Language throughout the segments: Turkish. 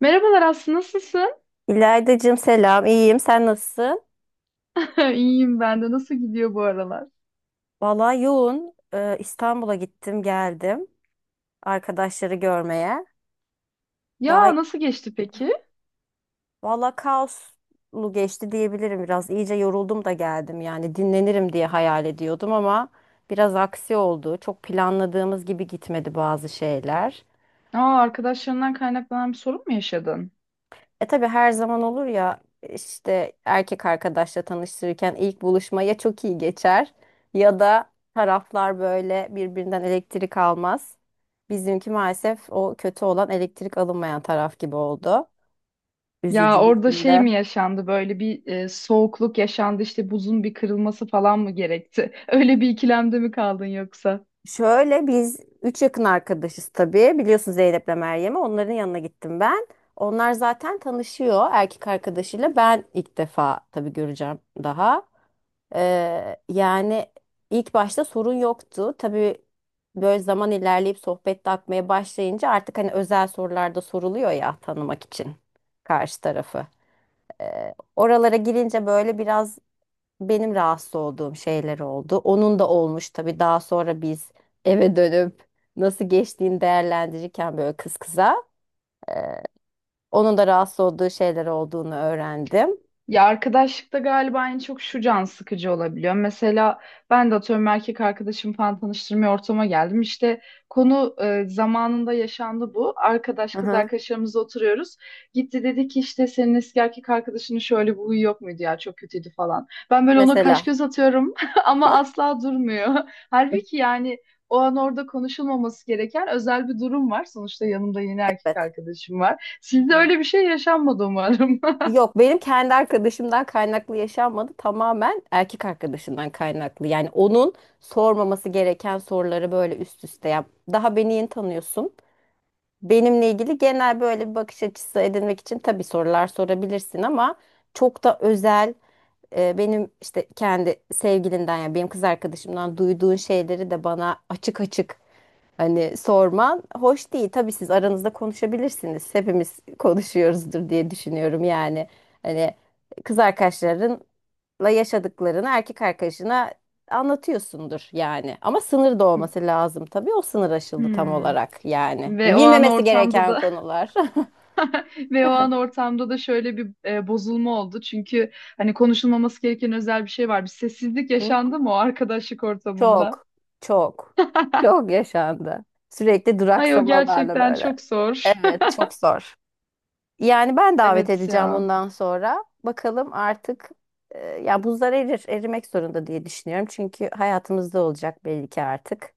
Merhabalar Aslı, nasılsın? İlaydacığım selam, iyiyim. Sen nasılsın? İyiyim ben de. Nasıl gidiyor bu aralar? Vallahi yoğun. İstanbul'a gittim, geldim. Arkadaşları görmeye. Daha Ya nasıl geçti peki? vallahi kaoslu geçti diyebilirim biraz. İyice yoruldum da geldim yani. Dinlenirim diye hayal ediyordum ama biraz aksi oldu. Çok planladığımız gibi gitmedi bazı şeyler. Aa, arkadaşlarından kaynaklanan bir sorun mu yaşadın? E tabii her zaman olur ya işte erkek arkadaşla tanıştırırken ilk buluşma ya çok iyi geçer ya da taraflar böyle birbirinden elektrik almaz. Bizimki maalesef o kötü olan elektrik alınmayan taraf gibi oldu. Ya Üzücü orada bizim şey de. mi yaşandı böyle bir soğukluk yaşandı işte buzun bir kırılması falan mı gerekti? Öyle bir ikilemde mi kaldın yoksa? Şöyle biz üç yakın arkadaşız tabii. Biliyorsun Zeynep'le Meryem'i. Onların yanına gittim ben. Onlar zaten tanışıyor erkek arkadaşıyla. Ben ilk defa tabii göreceğim daha. Yani ilk başta sorun yoktu. Tabii böyle zaman ilerleyip sohbet de akmaya başlayınca artık hani özel sorularda soruluyor ya tanımak için karşı tarafı. Oralara girince böyle biraz benim rahatsız olduğum şeyler oldu. Onun da olmuş tabii daha sonra biz eve dönüp nasıl geçtiğini değerlendirirken böyle kız kıza. Onun da rahatsız olduğu şeyler olduğunu öğrendim. Ya arkadaşlıkta galiba en çok şu can sıkıcı olabiliyor. Mesela ben de atıyorum erkek arkadaşım falan tanıştırmaya ortama geldim. İşte konu zamanında yaşandı bu. Arkadaş Hı kız hı. arkadaşlarımızla oturuyoruz. Gitti dedi ki işte senin eski erkek arkadaşının şöyle bir huyu yok muydu ya çok kötüydü falan. Ben böyle ona kaş Mesela. göz atıyorum ama asla durmuyor. Halbuki yani o an orada konuşulmaması gereken özel bir durum var. Sonuçta yanımda yeni erkek Evet. arkadaşım var. Sizde Hı. öyle bir şey yaşanmadı umarım. Yok benim kendi arkadaşımdan kaynaklı yaşanmadı. Tamamen erkek arkadaşımdan kaynaklı. Yani onun sormaması gereken soruları böyle üst üste yap. Daha beni yeni tanıyorsun. Benimle ilgili genel böyle bir bakış açısı edinmek için tabii sorular sorabilirsin ama çok da özel, benim işte kendi sevgilinden ya benim kız arkadaşımdan duyduğun şeyleri de bana açık açık hani sorman hoş değil. Tabii siz aranızda konuşabilirsiniz. Hepimiz konuşuyoruzdur diye düşünüyorum yani. Hani kız arkadaşlarınla yaşadıklarını erkek arkadaşına anlatıyorsundur yani. Ama sınır da olması lazım tabii. O sınır aşıldı tam Hmm. olarak yani. Ve Hani o an bilmemesi ortamda gereken da konular. ve o an ortamda da şöyle bir bozulma oldu. Çünkü hani konuşulmaması gereken özel bir şey var. Bir sessizlik yaşandı mı o arkadaşlık ortamında? Çok, çok, çok yaşandı. Sürekli Ay o duraksamalarla gerçekten böyle. çok zor. Evet, çok zor. Yani ben davet Evet edeceğim ya. bundan sonra. Bakalım artık, ya buzlar erir, erimek zorunda diye düşünüyorum. Çünkü hayatımızda olacak belli ki artık.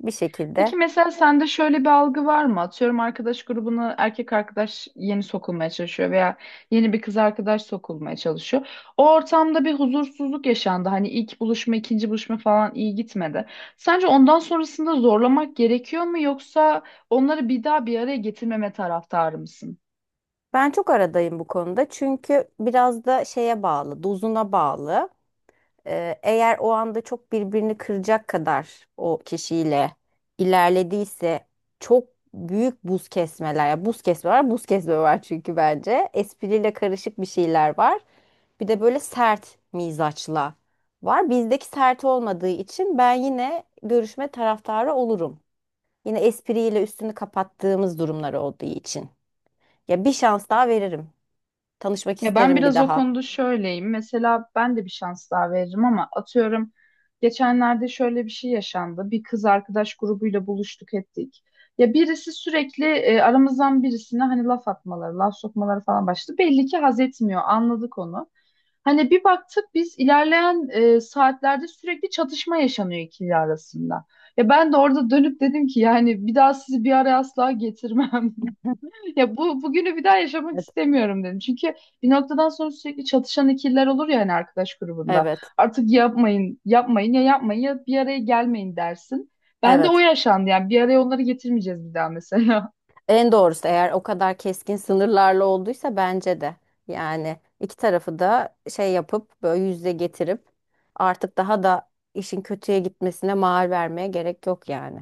Bir şekilde. Peki mesela sende şöyle bir algı var mı? Atıyorum arkadaş grubuna erkek arkadaş yeni sokulmaya çalışıyor veya yeni bir kız arkadaş sokulmaya çalışıyor. O ortamda bir huzursuzluk yaşandı. Hani ilk buluşma, ikinci buluşma falan iyi gitmedi. Sence ondan sonrasında zorlamak gerekiyor mu yoksa onları bir daha bir araya getirmeme taraftarı mısın? Ben çok aradayım bu konuda. Çünkü biraz da şeye bağlı, dozuna bağlı. Eğer o anda çok birbirini kıracak kadar o kişiyle ilerlediyse çok büyük buz kesmeler. Ya buz kesme var, buz kesme var çünkü bence. Espriyle karışık bir şeyler var. Bir de böyle sert mizaçla var. Bizdeki sert olmadığı için ben yine görüşme taraftarı olurum. Yine espriyle üstünü kapattığımız durumlar olduğu için. Ya bir şans daha veririm. Tanışmak Ya ben isterim bir biraz o daha. konuda şöyleyim. Mesela ben de bir şans daha veririm ama atıyorum geçenlerde şöyle bir şey yaşandı. Bir kız arkadaş grubuyla buluştuk ettik. Ya birisi sürekli aramızdan birisine hani laf atmaları, laf sokmaları falan başladı. Belli ki haz etmiyor. Anladık onu. Hani bir baktık biz ilerleyen saatlerde sürekli çatışma yaşanıyor ikili arasında. Ya ben de orada dönüp dedim ki yani bir daha sizi bir araya asla getirmem. Ya bu bugünü bir daha yaşamak Evet. istemiyorum dedim. Çünkü bir noktadan sonra sürekli çatışan ikililer olur ya hani arkadaş grubunda. Evet. Artık yapmayın, yapmayın ya yapmayın ya bir araya gelmeyin dersin. Ben de o Evet. yaşandı yani bir araya onları getirmeyeceğiz bir daha mesela. En doğrusu eğer o kadar keskin sınırlarla olduysa bence de. Yani iki tarafı da şey yapıp böyle yüzde getirip artık daha da işin kötüye gitmesine mahal vermeye gerek yok yani.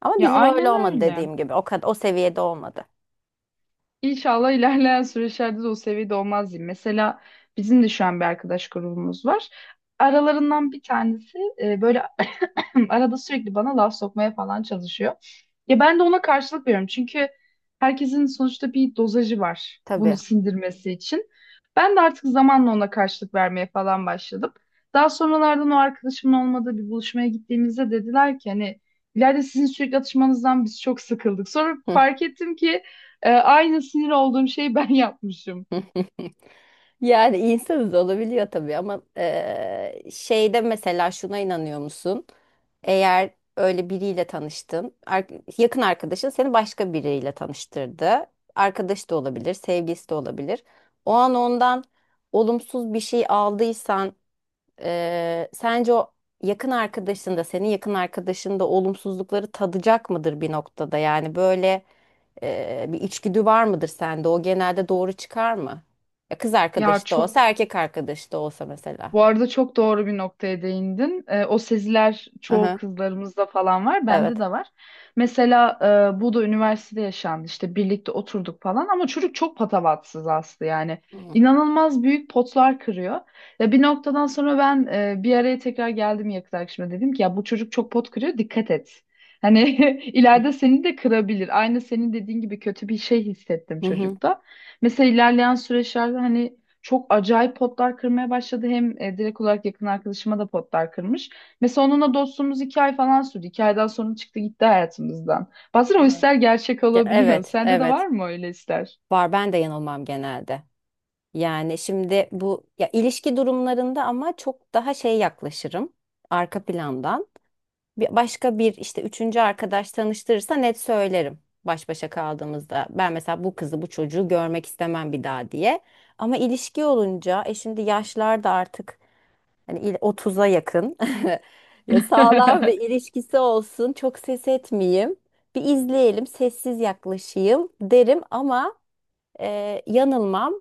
Ama Ya bizim öyle aynen olmadı öyle. dediğim gibi. O kadar o seviyede olmadı. İnşallah ilerleyen süreçlerde de o seviyede olmaz diyeyim. Mesela bizim de şu an bir arkadaş grubumuz var. Aralarından bir tanesi böyle arada sürekli bana laf sokmaya falan çalışıyor. Ya ben de ona karşılık veriyorum. Çünkü herkesin sonuçta bir dozajı var bunu Tabii. sindirmesi için. Ben de artık zamanla ona karşılık vermeye falan başladım. Daha sonralardan o arkadaşımın olmadığı bir buluşmaya gittiğimizde dediler ki hani ileride sizin sürekli atışmanızdan biz çok sıkıldık. Sonra fark ettim ki aynı sinir olduğum şeyi ben yapmışım. Yani insanız olabiliyor tabii ama şeyde mesela şuna inanıyor musun? Eğer öyle biriyle tanıştın, yakın arkadaşın seni başka biriyle tanıştırdı. Arkadaş da olabilir, sevgilisi de olabilir. O an ondan olumsuz bir şey aldıysan, sence o yakın arkadaşın da senin yakın arkadaşın da olumsuzlukları tadacak mıdır bir noktada? Yani böyle, bir içgüdü var mıdır sende? O genelde doğru çıkar mı? Ya kız Ya arkadaşı da olsa, çok erkek arkadaşı da olsa mesela. Bu arada çok doğru bir noktaya değindin. O seziler Hı çoğu hı. kızlarımızda falan var, bende Evet. de var. Mesela bu da üniversitede yaşandı. İşte birlikte oturduk falan ama çocuk çok patavatsız Aslı yani. Hı hı. İnanılmaz büyük potlar kırıyor. Ya bir noktadan sonra ben bir araya tekrar geldim yakın arkadaşıma dedim ki ya bu çocuk çok pot kırıyor dikkat et. Hani ileride seni de kırabilir. Aynı senin dediğin gibi kötü bir şey hissettim Hı. çocukta. Mesela ilerleyen süreçlerde hani çok acayip potlar kırmaya başladı. Hem direkt olarak yakın arkadaşıma da potlar kırmış. Mesela onunla dostluğumuz iki ay falan sürdü. İki aydan sonra çıktı gitti hayatımızdan. Bazen o Evet. ister gerçek Ya olabiliyor. evet, Sende de var evet. mı öyle ister? Var ben de yanılmam genelde. Yani şimdi bu ya ilişki durumlarında ama çok daha şey yaklaşırım arka plandan. Bir başka bir işte üçüncü arkadaş tanıştırırsa net söylerim baş başa kaldığımızda. Ben mesela bu kızı bu çocuğu görmek istemem bir daha diye. Ama ilişki olunca e şimdi yaşlar da artık hani 30'a yakın. Ya sağlam ve ilişkisi olsun. Çok ses etmeyeyim. Bir izleyelim, sessiz yaklaşayım derim ama, yanılmam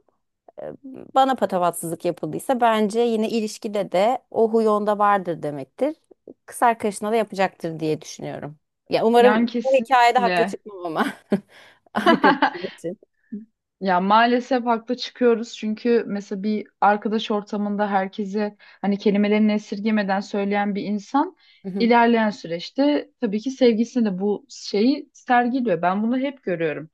bana patavatsızlık yapıldıysa bence yine ilişkide de o huy onda vardır demektir. Kız arkadaşına da yapacaktır diye düşünüyorum. Ya Yani umarım bu hikayede haklı kesinlikle. çıkmam ama arkadaşım için. Ya maalesef haklı çıkıyoruz çünkü mesela bir arkadaş ortamında herkese hani kelimelerini esirgemeden söyleyen bir insan Hı hı. ilerleyen süreçte tabii ki sevgisine de bu şeyi sergiliyor. Ben bunu hep görüyorum.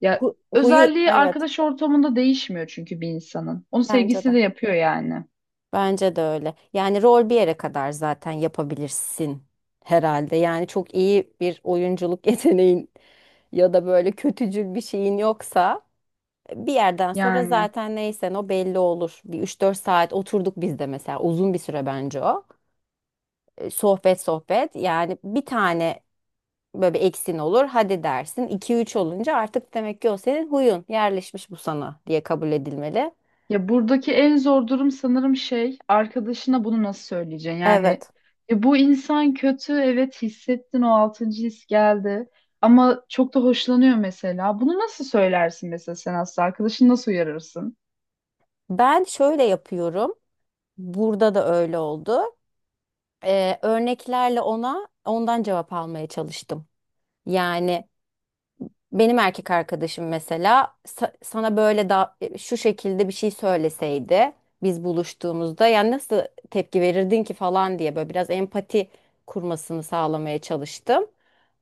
Ya Huyu özelliği evet, arkadaş ortamında değişmiyor çünkü bir insanın. Onu bence sevgisi de. de yapıyor yani. Bence de öyle. Yani rol bir yere kadar zaten yapabilirsin herhalde. Yani çok iyi bir oyunculuk yeteneğin ya da böyle kötücül bir şeyin yoksa bir yerden sonra Yani zaten neysen o belli olur. Bir üç dört saat oturduk biz de mesela uzun bir süre bence o. Sohbet sohbet yani bir tane böyle bir eksin olur hadi dersin 2-3 olunca artık demek ki o senin huyun yerleşmiş bu sana diye kabul edilmeli. ya buradaki en zor durum sanırım şey arkadaşına bunu nasıl söyleyeceksin? Yani Evet, ya bu insan kötü evet hissettin o altıncı his geldi ama çok da hoşlanıyor mesela. Bunu nasıl söylersin mesela sen aslında arkadaşını nasıl uyarırsın? ben şöyle yapıyorum burada da öyle oldu. Örneklerle ona ondan cevap almaya çalıştım. Yani benim erkek arkadaşım mesela sana böyle da şu şekilde bir şey söyleseydi biz buluştuğumuzda yani nasıl tepki verirdin ki falan diye böyle biraz empati kurmasını sağlamaya çalıştım.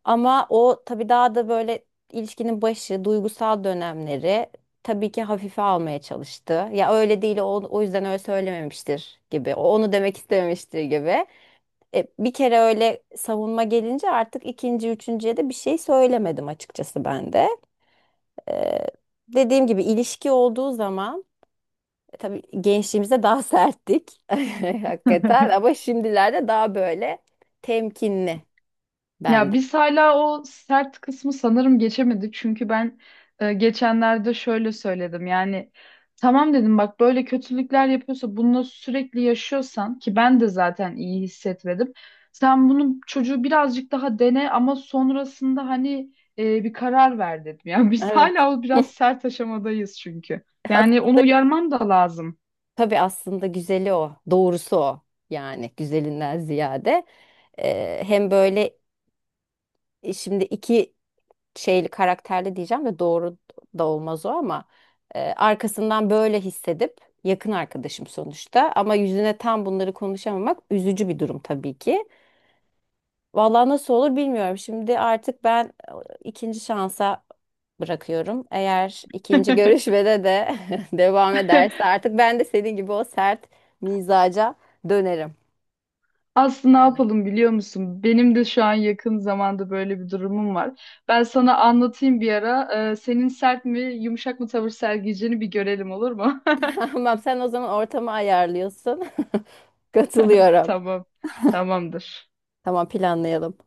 Ama o tabii daha da böyle ilişkinin başı, duygusal dönemleri tabii ki hafife almaya çalıştı. Ya öyle değil o, o yüzden öyle söylememiştir gibi. O onu demek istememiştir gibi. E, bir kere öyle savunma gelince artık ikinci, üçüncüye de bir şey söylemedim açıkçası ben de. Ee, dediğim gibi ilişki olduğu zaman, tabii gençliğimizde daha serttik hakikaten ama şimdilerde daha böyle temkinli Ya bende. biz hala o sert kısmı sanırım geçemedik. Çünkü ben geçenlerde şöyle söyledim. Yani tamam dedim bak böyle kötülükler yapıyorsa bunu sürekli yaşıyorsan ki ben de zaten iyi hissetmedim. Sen bunun çocuğu birazcık daha dene ama sonrasında hani bir karar ver dedim. Yani biz Evet. hala o biraz sert aşamadayız çünkü. Yani onu Aslında uyarmam da lazım. tabii aslında güzeli o, doğrusu o, yani güzelinden ziyade hem böyle, şimdi iki şeyli karakterli diyeceğim de doğru da olmaz o ama, arkasından böyle hissedip yakın arkadaşım sonuçta ama yüzüne tam bunları konuşamamak üzücü bir durum tabii ki. Vallahi nasıl olur bilmiyorum. Şimdi artık ben, ikinci şansa bırakıyorum. Eğer ikinci görüşmede de devam ederse artık ben de senin gibi o sert mizaca dönerim. Aslında ne Yani. yapalım biliyor musun? Benim de şu an yakın zamanda böyle bir durumum var. Ben sana anlatayım bir ara. Senin sert mi, yumuşak mı tavır sergileyeceğini bir görelim olur mu? Tamam, sen o zaman ortamı ayarlıyorsun. Katılıyorum. Tamam. Tamamdır. Tamam, planlayalım.